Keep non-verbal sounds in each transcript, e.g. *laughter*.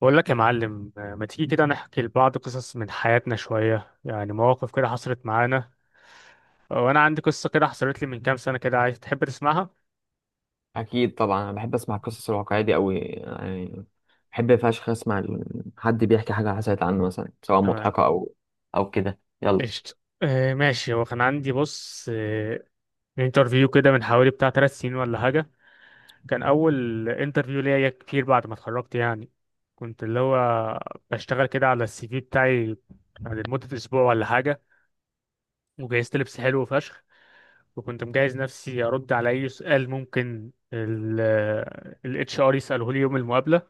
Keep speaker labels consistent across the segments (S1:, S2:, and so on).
S1: بقول لك يا معلم، ما تيجي كده نحكي لبعض قصص من حياتنا شوية، يعني مواقف كده حصلت معانا. وانا عندي قصة كده حصلت لي من كام سنة كده، عايز تحب تسمعها؟
S2: اكيد طبعا انا بحب اسمع القصص الواقعيه دي قوي يعني. بحب فشخ اسمع حد بيحكي حاجه حصلت عنه مثلا، سواء
S1: تمام.
S2: مضحكه او كده، يلا.
S1: قشطة. آه، ماشي. هو كان عندي بص، انترفيو كده من حوالي بتاع 3 سنين ولا حاجة. كان أول انترفيو ليا كتير بعد ما اتخرجت يعني. كنت اللي هو بشتغل كده على السي في بتاعي يعني لمدة أسبوع ولا حاجة. وجهزت لبس حلو فشخ، وكنت مجهز نفسي ارد على اي سؤال ممكن الاتش ار يساله لي يوم المقابله.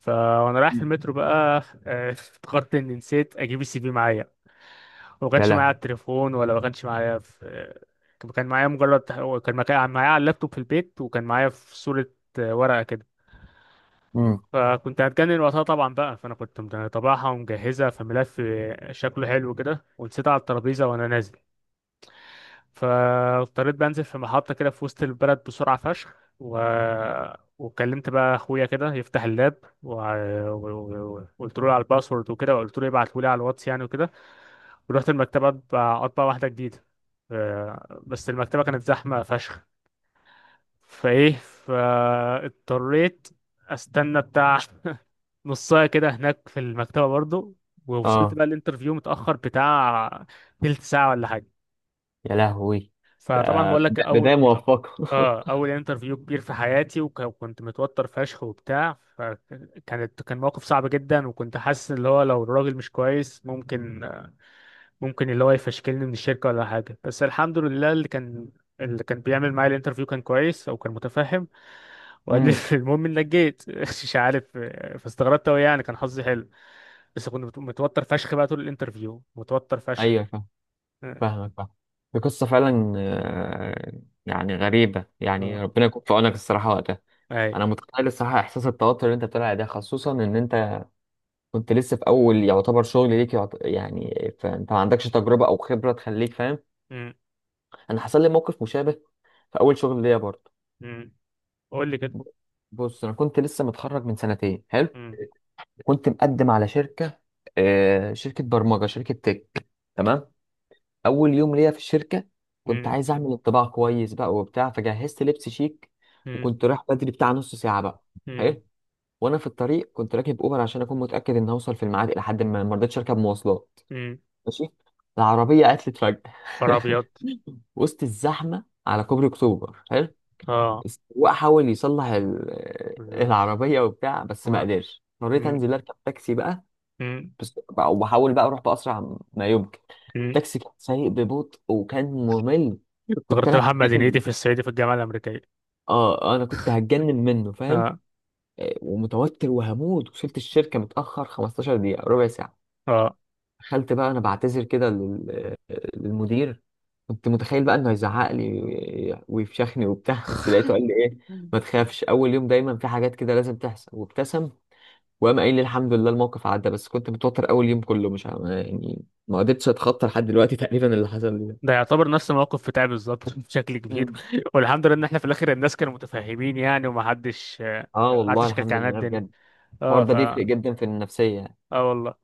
S1: فانا رايح في
S2: مم.
S1: المترو بقى، افتكرت اني نسيت اجيب السي في معايا. وما
S2: يا
S1: كانش معايا على
S2: لهوي.
S1: التليفون، ولا ما كانش معايا في كان معايا مجرد، كان معايا على اللابتوب في البيت، وكان معايا في صوره، ورقه كده.
S2: امم.
S1: فكنت هتجنن وقتها طبعا بقى، فانا كنت مطبعها ومجهزها في ملف، شكله حلو كده، ونسيتها على الترابيزه وانا نازل. فاضطريت بنزل في محطة كده في وسط البلد بسرعة فشخ وكلمت بقى اخويا كده يفتح اللاب، وقلت وقلت له على الباسورد وكده، وقلت له يبعته لي على الواتس يعني وكده. ورحت المكتبة أطبع واحدة جديدة. آه، بس المكتبة كانت زحمة فشخ، فايه فاضطريت استنى بتاع *laughs* نصاية كده هناك في المكتبة برضو. ووصلت
S2: اه.
S1: بقى الانترفيو متأخر بتاع تلت ساعة ولا حاجة.
S2: يا لهوي. ده
S1: فطبعا بقول لك،
S2: ده بدايه موفقه.
S1: اه، اول انترفيو كبير في حياتي، وكنت متوتر فشخ وبتاع، فكانت كان موقف صعب جدا. وكنت حاسس اللي هو لو الراجل مش كويس ممكن، اللي هو يفشكلني من الشركة ولا حاجة. بس الحمد لله اللي كان، اللي كان بيعمل معايا الانترفيو كان كويس او كان متفهم.
S2: *laughs*
S1: وقال لي
S2: امم.
S1: *laughs* المهم انك جيت *laughs* مش عارف. فاستغربت قوي يعني، كان حظي حلو. بس كنت متوتر فشخ بقى، طول الانترفيو متوتر فشخ.
S2: ايوه، فاهم.
S1: اه.
S2: فاهمك، فاهم. دي قصه فعلا، يعني غريبه يعني،
S1: آه.
S2: ربنا يكون في عونك الصراحه وقتها.
S1: اي.
S2: انا متخيل الصراحه احساس التوتر اللي انت بتقول عليه ده، خصوصا ان انت كنت لسه في اول يعتبر شغل ليك، يعني، فانت ما عندكش تجربه او خبره تخليك فاهم.
S1: أمم.
S2: انا حصل لي موقف مشابه في اول شغل ليا برضه.
S1: أمم. قول لي كده.
S2: ب- بص، انا كنت لسه متخرج من سنتين. حلو.
S1: أمم.
S2: كنت مقدم على شركه، آه شركه برمجه شركه تك. تمام. اول يوم ليا في الشركه كنت
S1: أمم.
S2: عايز اعمل انطباع كويس بقى وبتاع، فجهزت لبس شيك، وكنت رايح بدري بتاع نص ساعه بقى.
S1: أمم.
S2: حلو. وانا في الطريق كنت راكب اوبر عشان اكون متاكد ان هوصل في الميعاد، الى حد ما ما رضيتش اركب مواصلات.
S1: أمم.
S2: ماشي. العربية عطلت فجأة
S1: نهار
S2: *laughs*
S1: ابيض.
S2: وسط الزحمة على كوبري أكتوبر. حلو.
S1: اه.
S2: السواق حاول يصلح
S1: لا.
S2: العربية وبتاع، بس ما
S1: آه.
S2: قدرش، اضطريت
S1: م-
S2: أنزل أركب تاكسي بقى.
S1: م-
S2: وبحاول بقى أروح بأسرع ما يمكن.
S1: م.
S2: التاكسي كان سايق ببطء وكان ممل، كنت
S1: افتكرت
S2: أنا
S1: محمد
S2: هتجنن.
S1: هنيدي في الصعيدي في الجامعه الامريكيه.
S2: اه، انا كنت هتجنن منه، فاهم.
S1: اه.
S2: ومتوتر وهموت، وصلت الشركة متأخر 15 دقيقة ربع ساعة.
S1: اه،
S2: دخلت بقى انا بعتذر كده للمدير. كنت متخيل بقى انه هيزعق لي ويفشخني وبتاع، *laughs* بس لقيته قال لي ايه: ما تخافش، اول يوم دايما في حاجات كده لازم تحصل، وابتسم. وقام قايل لي: الحمد لله الموقف عدى، بس كنت متوتر اول يوم كله، مش عارف يعني، ما قدرتش اتخطى لحد دلوقتي، *laughs* تقريبا اللي حصل لي ده.
S1: ده يعتبر نفس الموقف بتاعي بالظبط *laughs* بشكل كبير.
S2: مم.
S1: والحمد لله ان احنا في الاخر الناس كانوا متفاهمين يعني، ومحدش
S2: اه والله،
S1: محدش كان،
S2: الحمد
S1: كان
S2: لله
S1: الدنيا.
S2: بجد. الحوار
S1: اه
S2: ده
S1: ف،
S2: بيفرق جدا في النفسية.
S1: اه والله.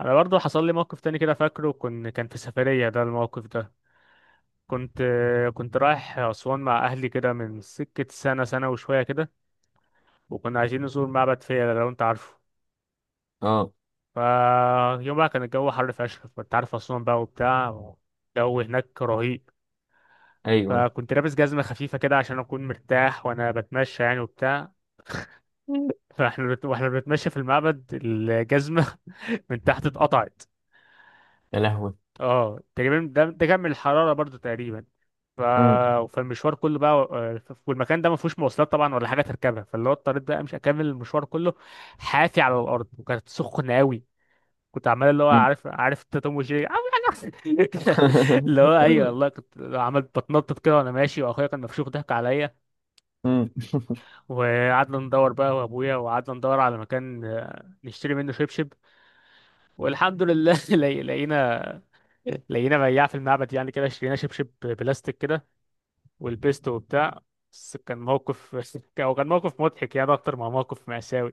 S1: انا برضو حصل لي موقف تاني كده فاكره، كن كان في سفرية ده الموقف ده. كنت، كنت رايح أسوان مع أهلي كده من سكة سنة سنة وشوية كده. وكنا عايزين نزور معبد فيلة لو أنت عارفه.
S2: اه.
S1: فيوم بقى كان الجو حر فشخ، كنت عارف أسوان بقى وبتاع، الجو هناك رهيب.
S2: ايوه.
S1: فكنت لابس جزمة خفيفة كده عشان أكون مرتاح وأنا بتمشى يعني وبتاع. فاحنا واحنا بنتمشى في المعبد، الجزمة *laughs* من تحت اتقطعت.
S2: يا لهوي.
S1: اه، تقريبا ده، ده كان من الحرارة برضو تقريبا. ف...
S2: مم.
S1: فالمشوار كله بقى، آه، والمكان ده ما فيهوش مواصلات طبعا ولا حاجة تركبها، فاللي هو اضطريت بقى مش اكمل المشوار كله حافي على الأرض، وكانت سخنة قوي. كنت عمال اللي هو
S2: مم.
S1: عارف، عارف انت توم وجيري عامل حاجه أحسن. *laughs* اللي هو ايوه
S2: *laughs*
S1: والله، كنت عملت بتنطط كده وانا ماشي، واخويا كان مفشوخ ضحك عليا.
S2: مم.
S1: وقعدنا ندور بقى وابويا، وقعدنا ندور على مكان، آه، نشتري منه شبشب. والحمد لله *laughs* لقينا، لقينا بياع في المعبد يعني كده، اشترينا شبشب بلاستيك كده، ولبسته وبتاع. بس كان موقف *laughs* او كان موقف مضحك يعني، اكتر ما موقف مأساوي.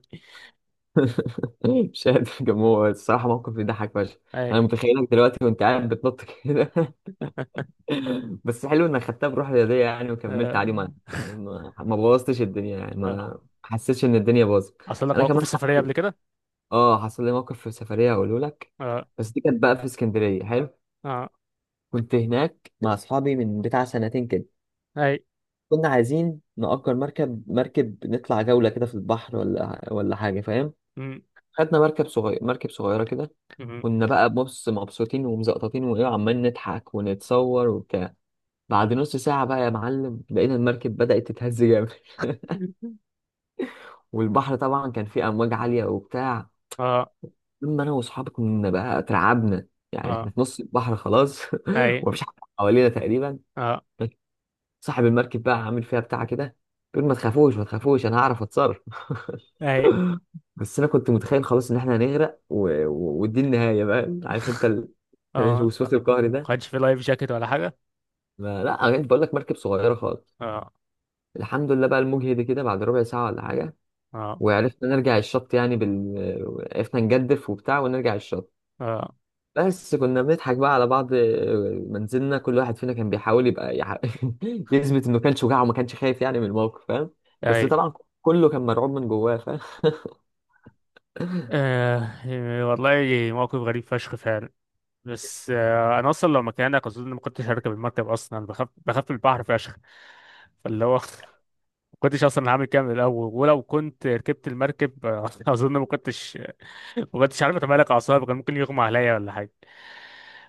S2: *laughs* مش قادر، كان هو الصراحة موقف يضحك فشخ.
S1: اي.
S2: أنا متخيلك دلوقتي وأنت قاعد بتنط كده.
S1: *laughs*
S2: *laughs* بس حلو إنك خدتها بروح رياضية يعني، وكملت عادي، ما
S1: اه.
S2: ما ما بوظتش الدنيا يعني، ما
S1: اه،
S2: ما حسيتش إن الدنيا باظت.
S1: حصل لك
S2: أنا
S1: موقف في
S2: كمان
S1: السفرية قبل
S2: حصل.
S1: كده؟
S2: آه حصل لي موقف في سفرية، هقوله لك.
S1: اه.
S2: بس دي كانت بقى في اسكندرية. حلو.
S1: اه.
S2: كنت هناك مع أصحابي من بتاع سنتين كده.
S1: اي.
S2: كنا عايزين نأجر مركب نطلع جولة كده في البحر ولا حاجة، فاهم. خدنا مركب صغيرة كده.
S1: مم.
S2: كنا بقى بص مبسوطين ومزقططين وايه، عمال نضحك ونتصور وبتاع. بعد نص ساعة بقى يا معلم، لقينا المركب بدأت تتهز جامد.
S1: *laughs*
S2: *laughs* والبحر طبعا كان فيه أمواج عالية وبتاع،
S1: اه.
S2: لما أنا وأصحابي كنا بقى اترعبنا يعني. إحنا
S1: اه.
S2: في نص البحر خلاص،
S1: اي.
S2: *laughs* ومفيش حد حوالينا تقريبا.
S1: اه.
S2: صاحب المركب بقى عامل فيها بتاع كده، بيقول: ما تخافوش ما تخافوش، أنا هعرف أتصرف.
S1: اي.
S2: *laughs* بس أنا كنت متخيل خلاص إن إحنا هنغرق، ودي النهاية بقى، عارف أنت *laughs*
S1: اه،
S2: الوسواس القهري
S1: ما
S2: ده.
S1: كانش في لايف جاكيت ولا حاجه؟
S2: ما لا، أنا بقول لك مركب صغيرة خالص.
S1: اه.
S2: الحمد لله بقى المجهد كده بعد ربع ساعة ولا حاجة،
S1: اه.
S2: وعرفنا نرجع الشط يعني عرفنا نجدف وبتاع ونرجع الشط.
S1: اه.
S2: بس كنا بنضحك بقى على بعض ما نزلنا، كل واحد فينا كان بيحاول يبقى *laughs* يثبت انه كان شجاع وما كانش خايف يعني من الموقف، فاهم. بس
S1: اي.
S2: طبعا كله كان مرعوب من جواه، فاهم. *laughs*
S1: آه. والله، موقف غريب فشخ فعلا. بس آه، انا اصلا لو مكانك اظن ما كنتش هركب المركب اصلا، أنا بخاف، بخاف من البحر فشخ. فاللي هو *laughs* ما كنتش اصلا هعمل كامل الاول. ولو كنت ركبت المركب، آه، *laughs* اظن ما كنتش، ما كنتش عارف اتمالك اعصابي، كان ممكن يغمى عليا ولا حاجه.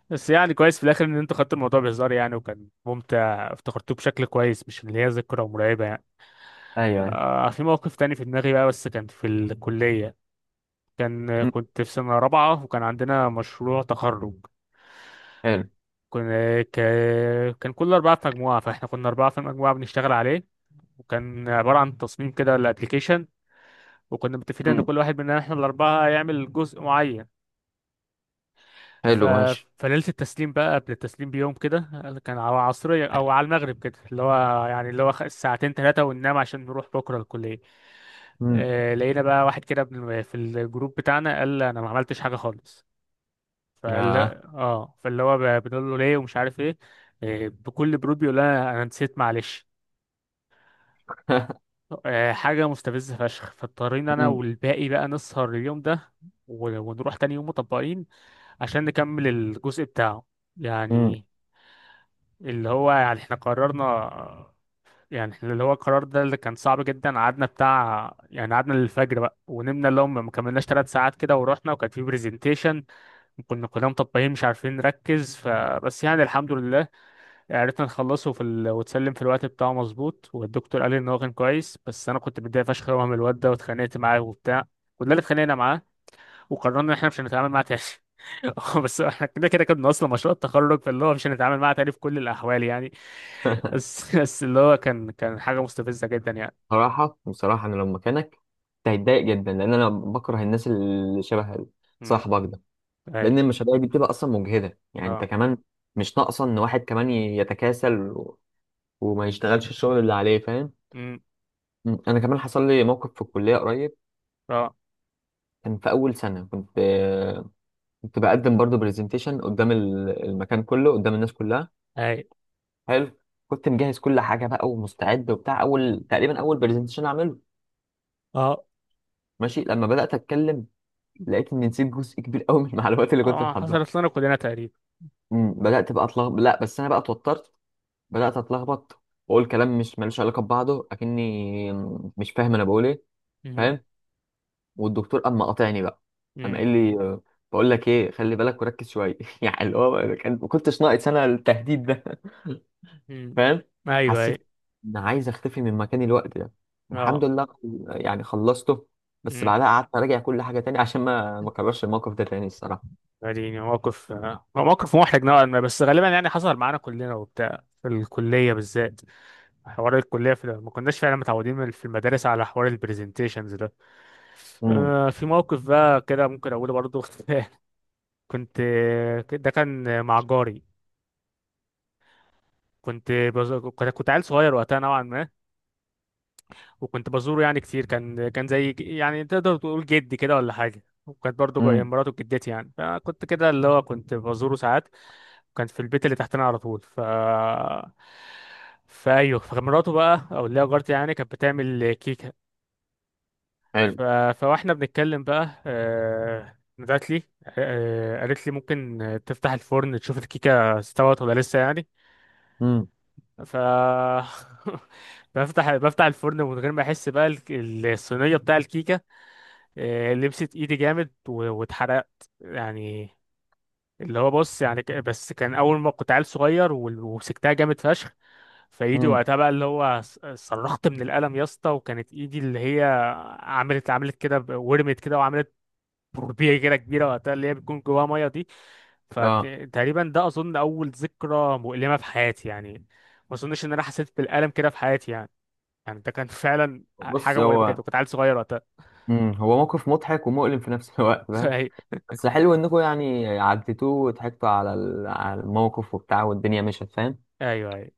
S1: بس يعني كويس في الاخر ان انت خدت الموضوع بهزار يعني، وكان ممتع افتكرتوه بشكل كويس، مش اللي هي ذكرى مرعبه يعني.
S2: ايوه.
S1: آه، في موقف تاني في دماغي بقى، بس كان في الكليه. كان
S2: مم.
S1: كنت في سنه رابعه، وكان عندنا مشروع تخرج.
S2: حلو.
S1: كنا ك... كان كل اربعه في مجموعه، فاحنا كنا اربعه في مجموعه بنشتغل عليه. وكان عباره عن تصميم كده لابلكيشن. وكنا متفقين ان
S2: مم.
S1: كل واحد مننا احنا الاربعه هيعمل جزء معين. ف...
S2: حلو ماشي.
S1: فليلة التسليم بقى، قبل التسليم بيوم كده، كان على العصرية أو على المغرب كده اللي هو يعني اللي هو ساعتين ثلاثة وننام عشان نروح بكرة الكلية.
S2: مم.
S1: آه، لقينا بقى واحد كده في الجروب بتاعنا قال أنا ما عملتش حاجة خالص. فال،
S2: آه.
S1: اه. فاللي هو بنقول له ليه ومش عارف ايه. آه، بكل برود بيقول لنا أنا نسيت، معلش.
S2: *laughs*
S1: آه، حاجة مستفزة فشخ. فاضطرينا أنا
S2: مم.
S1: والباقي بقى نسهر اليوم ده، ونروح تاني يوم مطبقين عشان نكمل الجزء بتاعه
S2: مم.
S1: يعني. اللي هو يعني احنا قررنا، يعني احنا اللي هو القرار ده اللي كان صعب جدا. قعدنا بتاع يعني، قعدنا للفجر بقى ونمنا اللي هم ما كملناش 3 ساعات كده، ورحنا وكان في برزنتيشن. كنا كلنا مطبقين مش عارفين نركز، فبس يعني الحمد لله عرفنا نخلصه في ال، وتسلم في الوقت بتاعه مظبوط. والدكتور قال لي ان هو كان كويس، بس انا كنت متضايق فشخ قوي من الواد ده، واتخانقت معاه وبتاع. كلنا اللي اتخانقنا معاه، وقررنا ان احنا مش هنتعامل معاه تاني. *laughs* بس احنا كده كده كنا اصلا مشروع التخرج، فاللي هو مش هنتعامل معاه تاني في كل الاحوال يعني. بس *laughs* بس اللي هو كان، كان حاجة مستفزة جدا يعني.
S2: صراحة، بصراحة أنا لو مكانك كنت هتضايق جدا، لأن أنا بكره الناس اللي شبه
S1: امم.
S2: صاحبك ده.
S1: اي.
S2: لان المشاريع دي بتبقى اصلا مجهده يعني، انت
S1: اه.
S2: كمان مش ناقصه ان واحد كمان يتكاسل وما يشتغلش الشغل اللي عليه، فاهم.
S1: امم.
S2: م. انا كمان حصل لي موقف في الكليه قريب.
S1: اه.
S2: كان في اول سنه، كنت بقدم برضه برزنتيشن قدام المكان كله قدام الناس كلها.
S1: اي.
S2: حلو. كنت مجهز كل حاجه بقى ومستعد وبتاع، اول تقريبا اول برزنتيشن اعمله.
S1: اه.
S2: ماشي. لما بدات اتكلم لقيت اني نسيت جزء كبير قوي من المعلومات اللي كنت
S1: اه،
S2: محضرها.
S1: حصلت لنا كلنا تقريبا.
S2: م. بدات بقى اتلخبط، لا بس انا بقى اتوترت، بدأت أتلخبط وأقول كلام مش ملوش علاقة ببعضه، أكني مش فاهم أنا بقول إيه،
S1: امم.
S2: فاهم. والدكتور أما قاطعني بقى، أما قال
S1: امم.
S2: لي بقول لك إيه: خلي بالك وركز شوية. *laughs* يعني اللي هو كان ما كنتش ناقص أنا التهديد ده، *laughs*
S1: امم.
S2: فاهم.
S1: ايوه. اي.
S2: حسيت إن عايز أختفي من مكاني الوقت ده. الحمد
S1: اه.
S2: لله، يعني خلصته. بس
S1: امم.
S2: بعدها قعدت أراجع كل حاجة تاني، *laughs* عشان ما ما أكررش الموقف ده تاني الصراحة.
S1: يعني موقف، آه، هو موقف محرج نوعا ما، بس غالبا يعني حصل معانا كلنا وبتاع في الكلية بالذات. حوار الكلية في ما كناش فعلا متعودين في المدارس على حوار البرزنتيشنز ده.
S2: امم.
S1: آه، في موقف بقى كده ممكن أقوله برضو. *laughs* كنت، ده كان مع جاري. كنت، كنت عيل صغير وقتها نوعا ما، وكنت بزوره يعني كتير. كان كان زي يعني تقدر تقول جدي كده ولا حاجة. وكانت برضه
S2: امم.
S1: مراته جدتي يعني. فكنت كده اللي هو كنت بزوره ساعات، كان في البيت اللي تحتنا على طول. ف، فايوه، فمراته بقى او اللي هي جارتي يعني كانت بتعمل كيكة.
S2: حلو.
S1: ف... فواحنا بنتكلم بقى، آه، نادت لي، آه، قالت لي ممكن تفتح الفرن تشوف الكيكة استوت ولا لسه يعني.
S2: امم.
S1: ف *laughs* بفتح الفرن من غير ما احس بقى الصينيه بتاع الكيكه، آه، لبست ايدي جامد واتحرقت يعني. اللي هو بص يعني، بس كان اول ما كنت عيل صغير ومسكتها جامد فشخ. فايدي
S2: امم.
S1: وقتها بقى اللي هو صرخت من الالم يا اسطى. وكانت ايدي اللي هي عملت، عملت كده، ورمت كده، وعملت بربيه كده كبيره وقتها اللي هي بتكون جواها ميه دي.
S2: اه.
S1: فتقريبا ده اظن اول ذكرى مؤلمه في حياتي يعني. ما اظنش ان انا حسيت بالالم كده في حياتي يعني، يعني ده كان فعلا
S2: بص،
S1: حاجه مؤلمه
S2: هو
S1: جدا، كنت عيل صغير وقتها.
S2: امم هو موقف مضحك ومؤلم في نفس *laughs* الوقت،
S1: *laughs*
S2: فاهم.
S1: ايوه.
S2: بس حلو انكم يعني عديتوه وضحكتوا على على الموقف وبتاع، والدنيا مشت، فاهم.
S1: ايوه.